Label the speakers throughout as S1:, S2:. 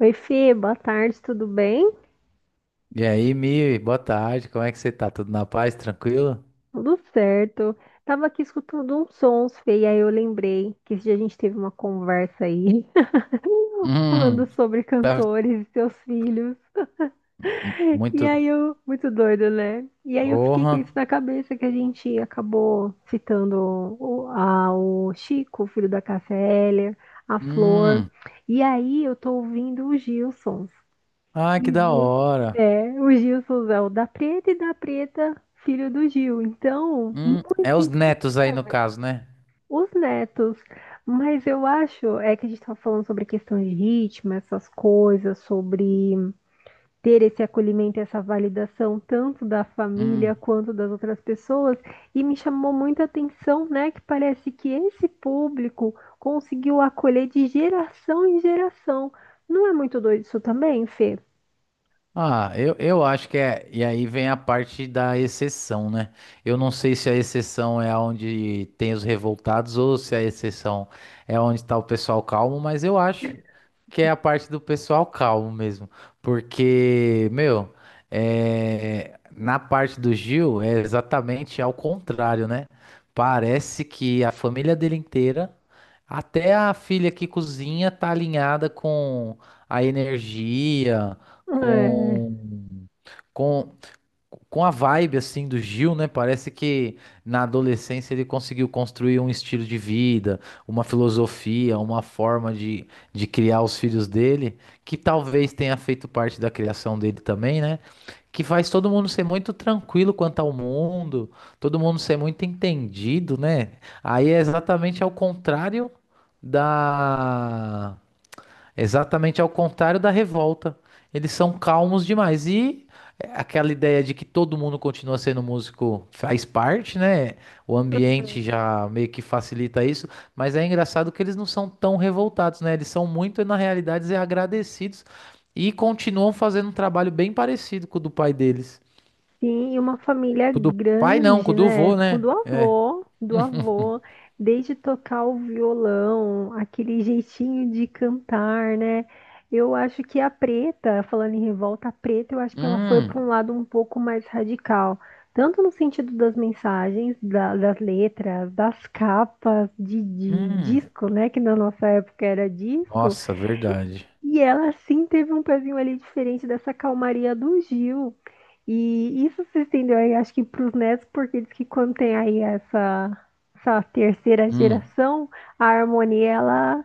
S1: Oi, Fê, boa tarde, tudo bem?
S2: E aí, Mi, boa tarde, como é que você tá? Tudo na paz, tranquilo?
S1: Tudo certo. Tava aqui escutando uns sons, Fê, e aí eu lembrei que esse dia a gente teve uma conversa aí, falando
S2: Hum,
S1: sobre
S2: tá.
S1: cantores e seus filhos. E
S2: Muito.
S1: aí eu, muito doido, né? E aí eu fiquei
S2: Orra.
S1: com isso na cabeça que a gente acabou citando o Chico, o filho da Cássia Eller, a Flor.
S2: Hum.
S1: E aí eu tô ouvindo o Gilson.
S2: Ah,
S1: O
S2: que da
S1: Gil,
S2: hora.
S1: o Gilson é o da Preta, filho do Gil. Então,
S2: Hum.
S1: muito
S2: É os netos aí no
S1: interessante.
S2: caso, né?
S1: Os netos. Mas eu acho, é que a gente estava falando sobre questão de ritmo, essas coisas, sobre ter esse acolhimento, essa validação, tanto da
S2: Hum.
S1: família quanto das outras pessoas, e me chamou muita atenção, né, que parece que esse público conseguiu acolher de geração em geração. Não é muito doido isso também, Fê?
S2: Ah, eu acho que é. E aí vem a parte da exceção, né? Eu não sei se a exceção é onde tem os revoltados ou se a exceção é onde tá o pessoal calmo, mas eu acho que é a parte do pessoal calmo mesmo. Porque, meu, é, na parte do Gil é exatamente ao contrário, né? Parece que a família dele inteira, até a filha que cozinha, tá alinhada com a energia,
S1: É,
S2: com, com com a vibe assim do Gil, né? Parece que na adolescência ele conseguiu construir um estilo de vida, uma filosofia, uma forma de criar os filhos dele, que talvez tenha feito parte da criação dele também, né? Que faz todo mundo ser muito tranquilo quanto ao mundo, todo mundo ser muito entendido, né? Aí é exatamente ao contrário da... Exatamente ao contrário da revolta. Eles são calmos demais. E aquela ideia de que todo mundo continua sendo músico faz parte, né? O ambiente já meio que facilita isso. Mas é engraçado que eles não são tão revoltados, né? Eles são muito, na realidade, agradecidos e continuam fazendo um trabalho bem parecido com o do pai deles.
S1: sim, e uma família
S2: Com o do pai não, com
S1: grande,
S2: o do
S1: né?
S2: vô,
S1: Com
S2: né?
S1: do avô, desde tocar o violão, aquele jeitinho de cantar, né? Eu acho que a Preta, falando em revolta, a Preta, eu acho que ela foi para
S2: Hum,
S1: um lado um pouco mais radical, tanto no sentido das mensagens, das letras, das capas de
S2: hum.
S1: disco, né? Que na nossa época era disco.
S2: Nossa, verdade.
S1: E ela sim teve um pezinho ali diferente dessa calmaria do Gil. E isso se estendeu aí, acho que para os netos, porque diz que quando tem aí essa terceira
S2: Hum.
S1: geração, a harmonia ela,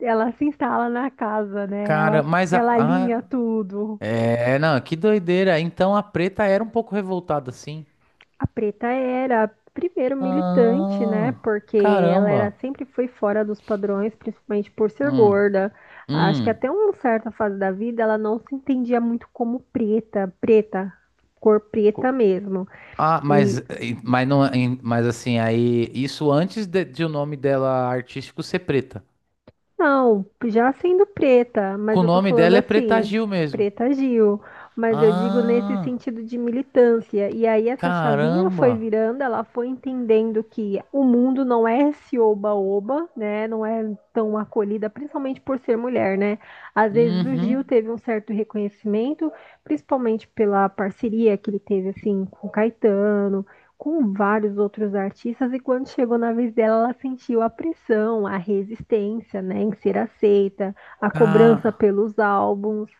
S1: ela se instala na casa, né?
S2: Cara,
S1: Ela,
S2: mas
S1: ela alinha tudo.
S2: é, não, que doideira. Então a preta era um pouco revoltada assim.
S1: A Preta era primeiro militante, né?
S2: Ah,
S1: Porque ela era
S2: caramba.
S1: sempre foi fora dos padrões, principalmente por ser
S2: Hum,
S1: gorda. Acho que
S2: hum.
S1: até uma certa fase da vida ela não se entendia muito como preta, preta, cor preta
S2: Co-
S1: mesmo.
S2: Ah, mas,
S1: E
S2: mas, não, mas assim, aí, isso antes de o nome dela artístico ser preta.
S1: Não, já sendo preta, mas
S2: Com o
S1: eu tô
S2: nome
S1: falando
S2: dela é Preta
S1: assim,
S2: Gil mesmo.
S1: Preta Gil, mas eu digo nesse
S2: Ah,
S1: sentido de militância. E aí essa chavinha foi
S2: caramba.
S1: virando, ela foi entendendo que o mundo não é esse oba-oba, né? Não é tão acolhida, principalmente por ser mulher, né? Às vezes o Gil
S2: Uhum.
S1: teve um certo reconhecimento, principalmente pela parceria que ele teve assim com o Caetano com vários outros artistas, e quando chegou na vez dela, ela sentiu a pressão, a resistência, né, em ser aceita, a cobrança
S2: Ah,
S1: pelos álbuns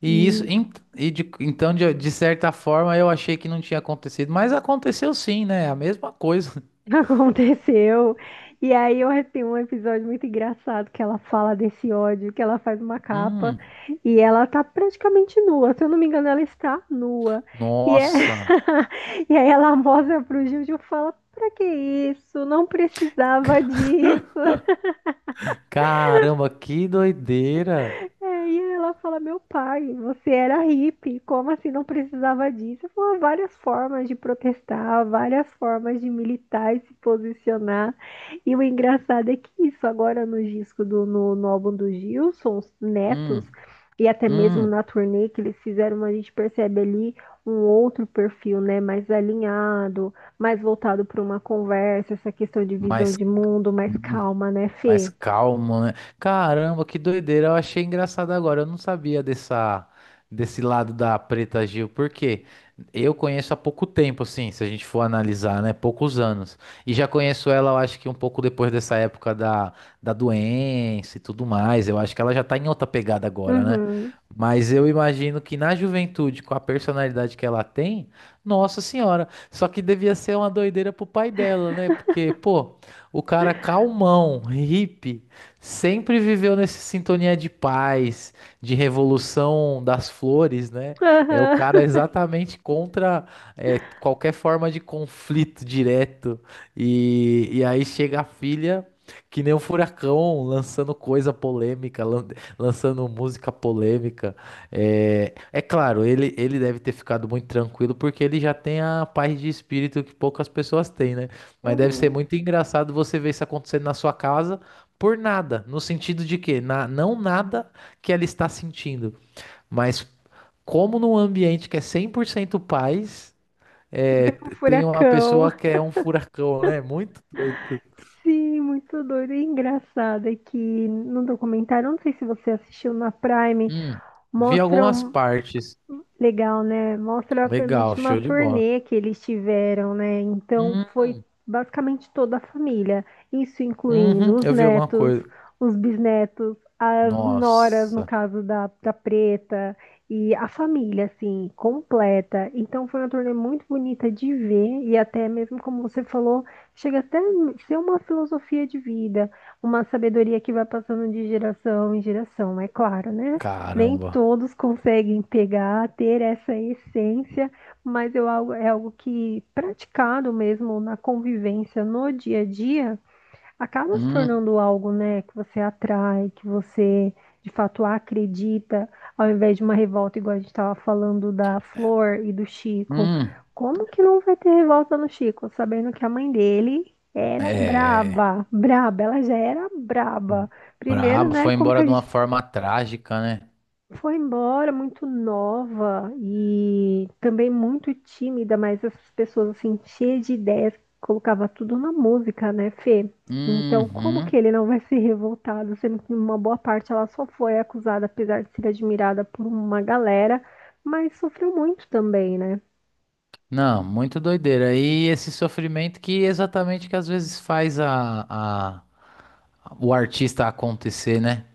S2: e isso,
S1: e
S2: e então, de certa forma, eu achei que não tinha acontecido, mas aconteceu sim, né? A mesma coisa.
S1: aconteceu. E aí eu tem um episódio muito engraçado que ela fala desse ódio, que ela faz uma capa
S2: Hum.
S1: e ela tá praticamente nua, se eu não me engano, ela está nua. E, é...
S2: Nossa,
S1: e aí ela mostra pro Gil e fala, pra que isso? Não precisava disso.
S2: caramba, que doideira.
S1: É, e ela fala, meu pai, você era hippie, como assim não precisava disso? Eu falo, "Ah, várias formas de protestar, várias formas de militar e se posicionar." E o engraçado é que isso agora no disco do no, no álbum do Gilson, os Netos,
S2: Hum,
S1: e até mesmo
S2: hum,
S1: na turnê que eles fizeram, a gente percebe ali um outro perfil, né? Mais alinhado, mais voltado para uma conversa, essa questão de visão
S2: mas,
S1: de mundo, mais calma, né,
S2: mais
S1: Fê?
S2: calmo, né? Caramba, que doideira. Eu achei engraçado agora. Eu não sabia dessa, desse lado da Preta Gil, porque eu conheço há pouco tempo, assim, se a gente for analisar, né? Poucos anos. E já conheço ela, eu acho que um pouco depois dessa época da, da doença e tudo mais. Eu acho que ela já tá em outra pegada agora, né?
S1: Uhum.
S2: Mas eu imagino que na juventude, com a personalidade que ela tem, nossa senhora, só que devia ser uma doideira pro pai dela, né? Porque, pô. O cara calmão, hippie, sempre viveu nessa sintonia de paz, de revolução das flores, né? É o cara
S1: Aham.
S2: exatamente contra é, qualquer forma de conflito direto. E aí chega a filha, que nem um furacão, lançando coisa polêmica, lançando música polêmica. É, é claro, ele deve ter ficado muito tranquilo, porque ele já tem a paz de espírito que poucas pessoas têm, né? Mas deve ser
S1: Uhum.
S2: muito engraçado você ver isso acontecendo na sua casa por nada, no sentido de que na, não nada que ela está sentindo, mas como num ambiente que é 100% paz, é,
S1: Um
S2: tem uma
S1: furacão.
S2: pessoa que é um furacão, né? Muito doido.
S1: Sim, muito doido, e é engraçado é que no documentário, não sei se você assistiu na Prime,
S2: Hum, vi algumas
S1: mostram.
S2: partes.
S1: Legal, né? Mostra a
S2: Legal,
S1: penúltima
S2: show de bola.
S1: turnê que eles tiveram, né? Então
S2: Hum,
S1: foi basicamente toda a família, isso incluindo
S2: uhum,
S1: os
S2: eu vi alguma
S1: netos,
S2: coisa.
S1: os bisnetos, as noras, no
S2: Nossa,
S1: caso da, da Preta, e a família, assim, completa. Então foi uma turnê muito bonita de ver, e até mesmo como você falou, chega até a ser uma filosofia de vida, uma sabedoria que vai passando de geração em geração, é claro, né? Nem
S2: caramba.
S1: todos conseguem pegar, ter essa essência, mas eu, algo- é algo que, praticado mesmo na convivência, no dia a dia, acaba se
S2: Hum,
S1: tornando algo, né, que você atrai, que você de fato acredita, ao invés de uma revolta, igual a gente estava falando da Flor e do Chico.
S2: hum.
S1: Como que não vai ter revolta no Chico, sabendo que a mãe dele era
S2: É.
S1: braba, braba, ela já era braba. Primeiro,
S2: Brabo,
S1: né,
S2: foi
S1: como que
S2: embora
S1: a
S2: de uma
S1: gente
S2: forma trágica, né?
S1: foi embora muito nova e também muito tímida, mas essas pessoas assim, cheias de ideias, colocava tudo na música, né, Fê? Então, como
S2: Uhum.
S1: que ele não vai ser revoltado, sendo que uma boa parte ela só foi acusada, apesar de ser admirada por uma galera, mas sofreu muito também, né?
S2: Não, muito doideira. E esse sofrimento que exatamente que às vezes faz a- o artista acontecer, né?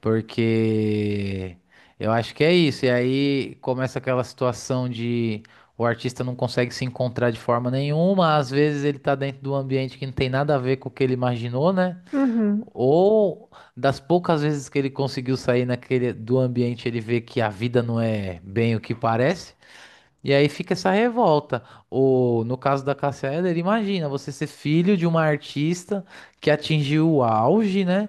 S2: Porque eu acho que é isso. E aí começa aquela situação de o artista não consegue se encontrar de forma nenhuma. Às vezes ele tá dentro de um ambiente que não tem nada a ver com o que ele imaginou, né?
S1: Uhum,
S2: Ou das poucas vezes que ele conseguiu sair naquele do ambiente, ele vê que a vida não é bem o que parece. E aí fica essa revolta. Ou, no caso da Cássia Eller, imagina você ser filho de uma artista que atingiu o auge, né?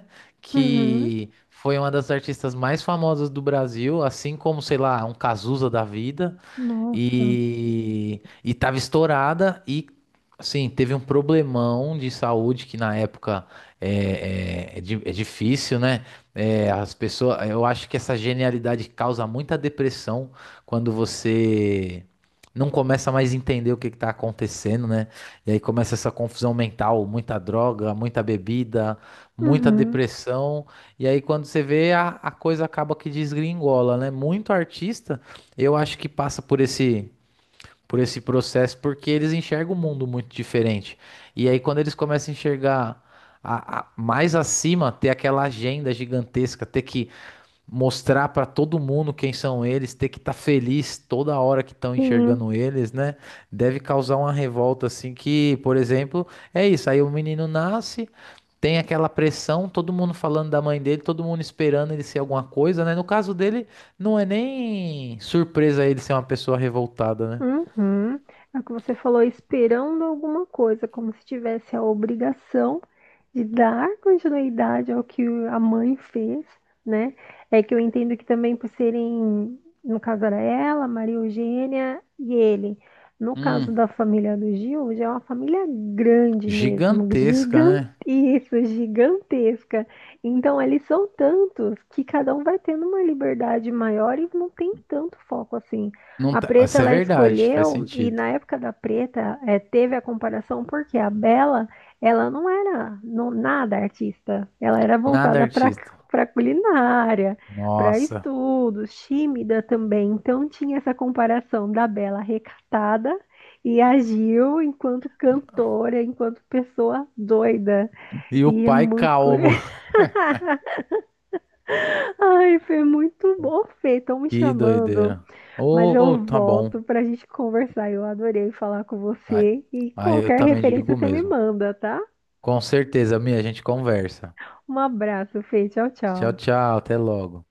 S1: uhum,
S2: Que foi uma das artistas mais famosas do Brasil, assim como, sei lá, um Cazuza da vida.
S1: nossa,
S2: E tava estourada e, assim, teve um problemão de saúde que na época é difícil, né? É, as pessoas, eu acho que essa genialidade causa muita depressão quando você não começa mais a entender o que que tá acontecendo, né? E aí começa essa confusão mental, muita droga, muita bebida, muita
S1: uhum,
S2: depressão. E aí quando você vê, a coisa acaba que desgringola, né? Muito artista eu acho que passa por por esse processo porque eles enxergam o mundo muito diferente. E aí, quando eles começam a enxergar mais acima, ter aquela agenda gigantesca, ter que mostrar pra todo mundo quem são eles, ter que estar feliz toda hora que estão
S1: sim.
S2: enxergando eles, né? Deve causar uma revolta assim que, por exemplo, é isso, aí o menino nasce, tem aquela pressão, todo mundo falando da mãe dele, todo mundo esperando ele ser alguma coisa, né? No caso dele, não é nem surpresa ele ser uma pessoa revoltada, né?
S1: Uhum. É o que você falou, esperando alguma coisa, como se tivesse a obrigação de dar continuidade ao que a mãe fez, né? É que eu entendo que também por serem, no caso era ela, Maria Eugênia e ele. No caso
S2: Hum.
S1: da família do Gil, já é uma família grande mesmo,
S2: Gigantesca,
S1: gigante,
S2: né?
S1: isso, gigantesca. Então, eles são tantos que cada um vai tendo uma liberdade maior e não tem tanto foco assim.
S2: Não
S1: A
S2: tá-
S1: Preta
S2: Isso é
S1: ela
S2: verdade, faz
S1: escolheu, e
S2: sentido.
S1: na época da Preta teve a comparação, porque a Bela ela não era nada artista, ela era
S2: Nada
S1: voltada para
S2: artista.
S1: para culinária, para
S2: Nossa.
S1: estudos, tímida também. Então tinha essa comparação da Bela recatada e a Gil enquanto cantora, enquanto pessoa doida.
S2: E o
S1: E é
S2: pai
S1: muito
S2: calmo.
S1: curioso. Ai, foi muito bom, Fê, estão me
S2: Que
S1: chamando.
S2: doideira.
S1: Mas
S2: Ô,
S1: eu
S2: tá
S1: volto
S2: bom.
S1: pra gente conversar. Eu adorei falar com
S2: Aí,
S1: você. E
S2: aí eu
S1: qualquer
S2: também digo
S1: referência
S2: o
S1: você me
S2: mesmo.
S1: manda, tá?
S2: Com certeza, minha, a gente conversa.
S1: Um abraço, Fê. Tchau,
S2: Tchau,
S1: tchau.
S2: tchau, até logo.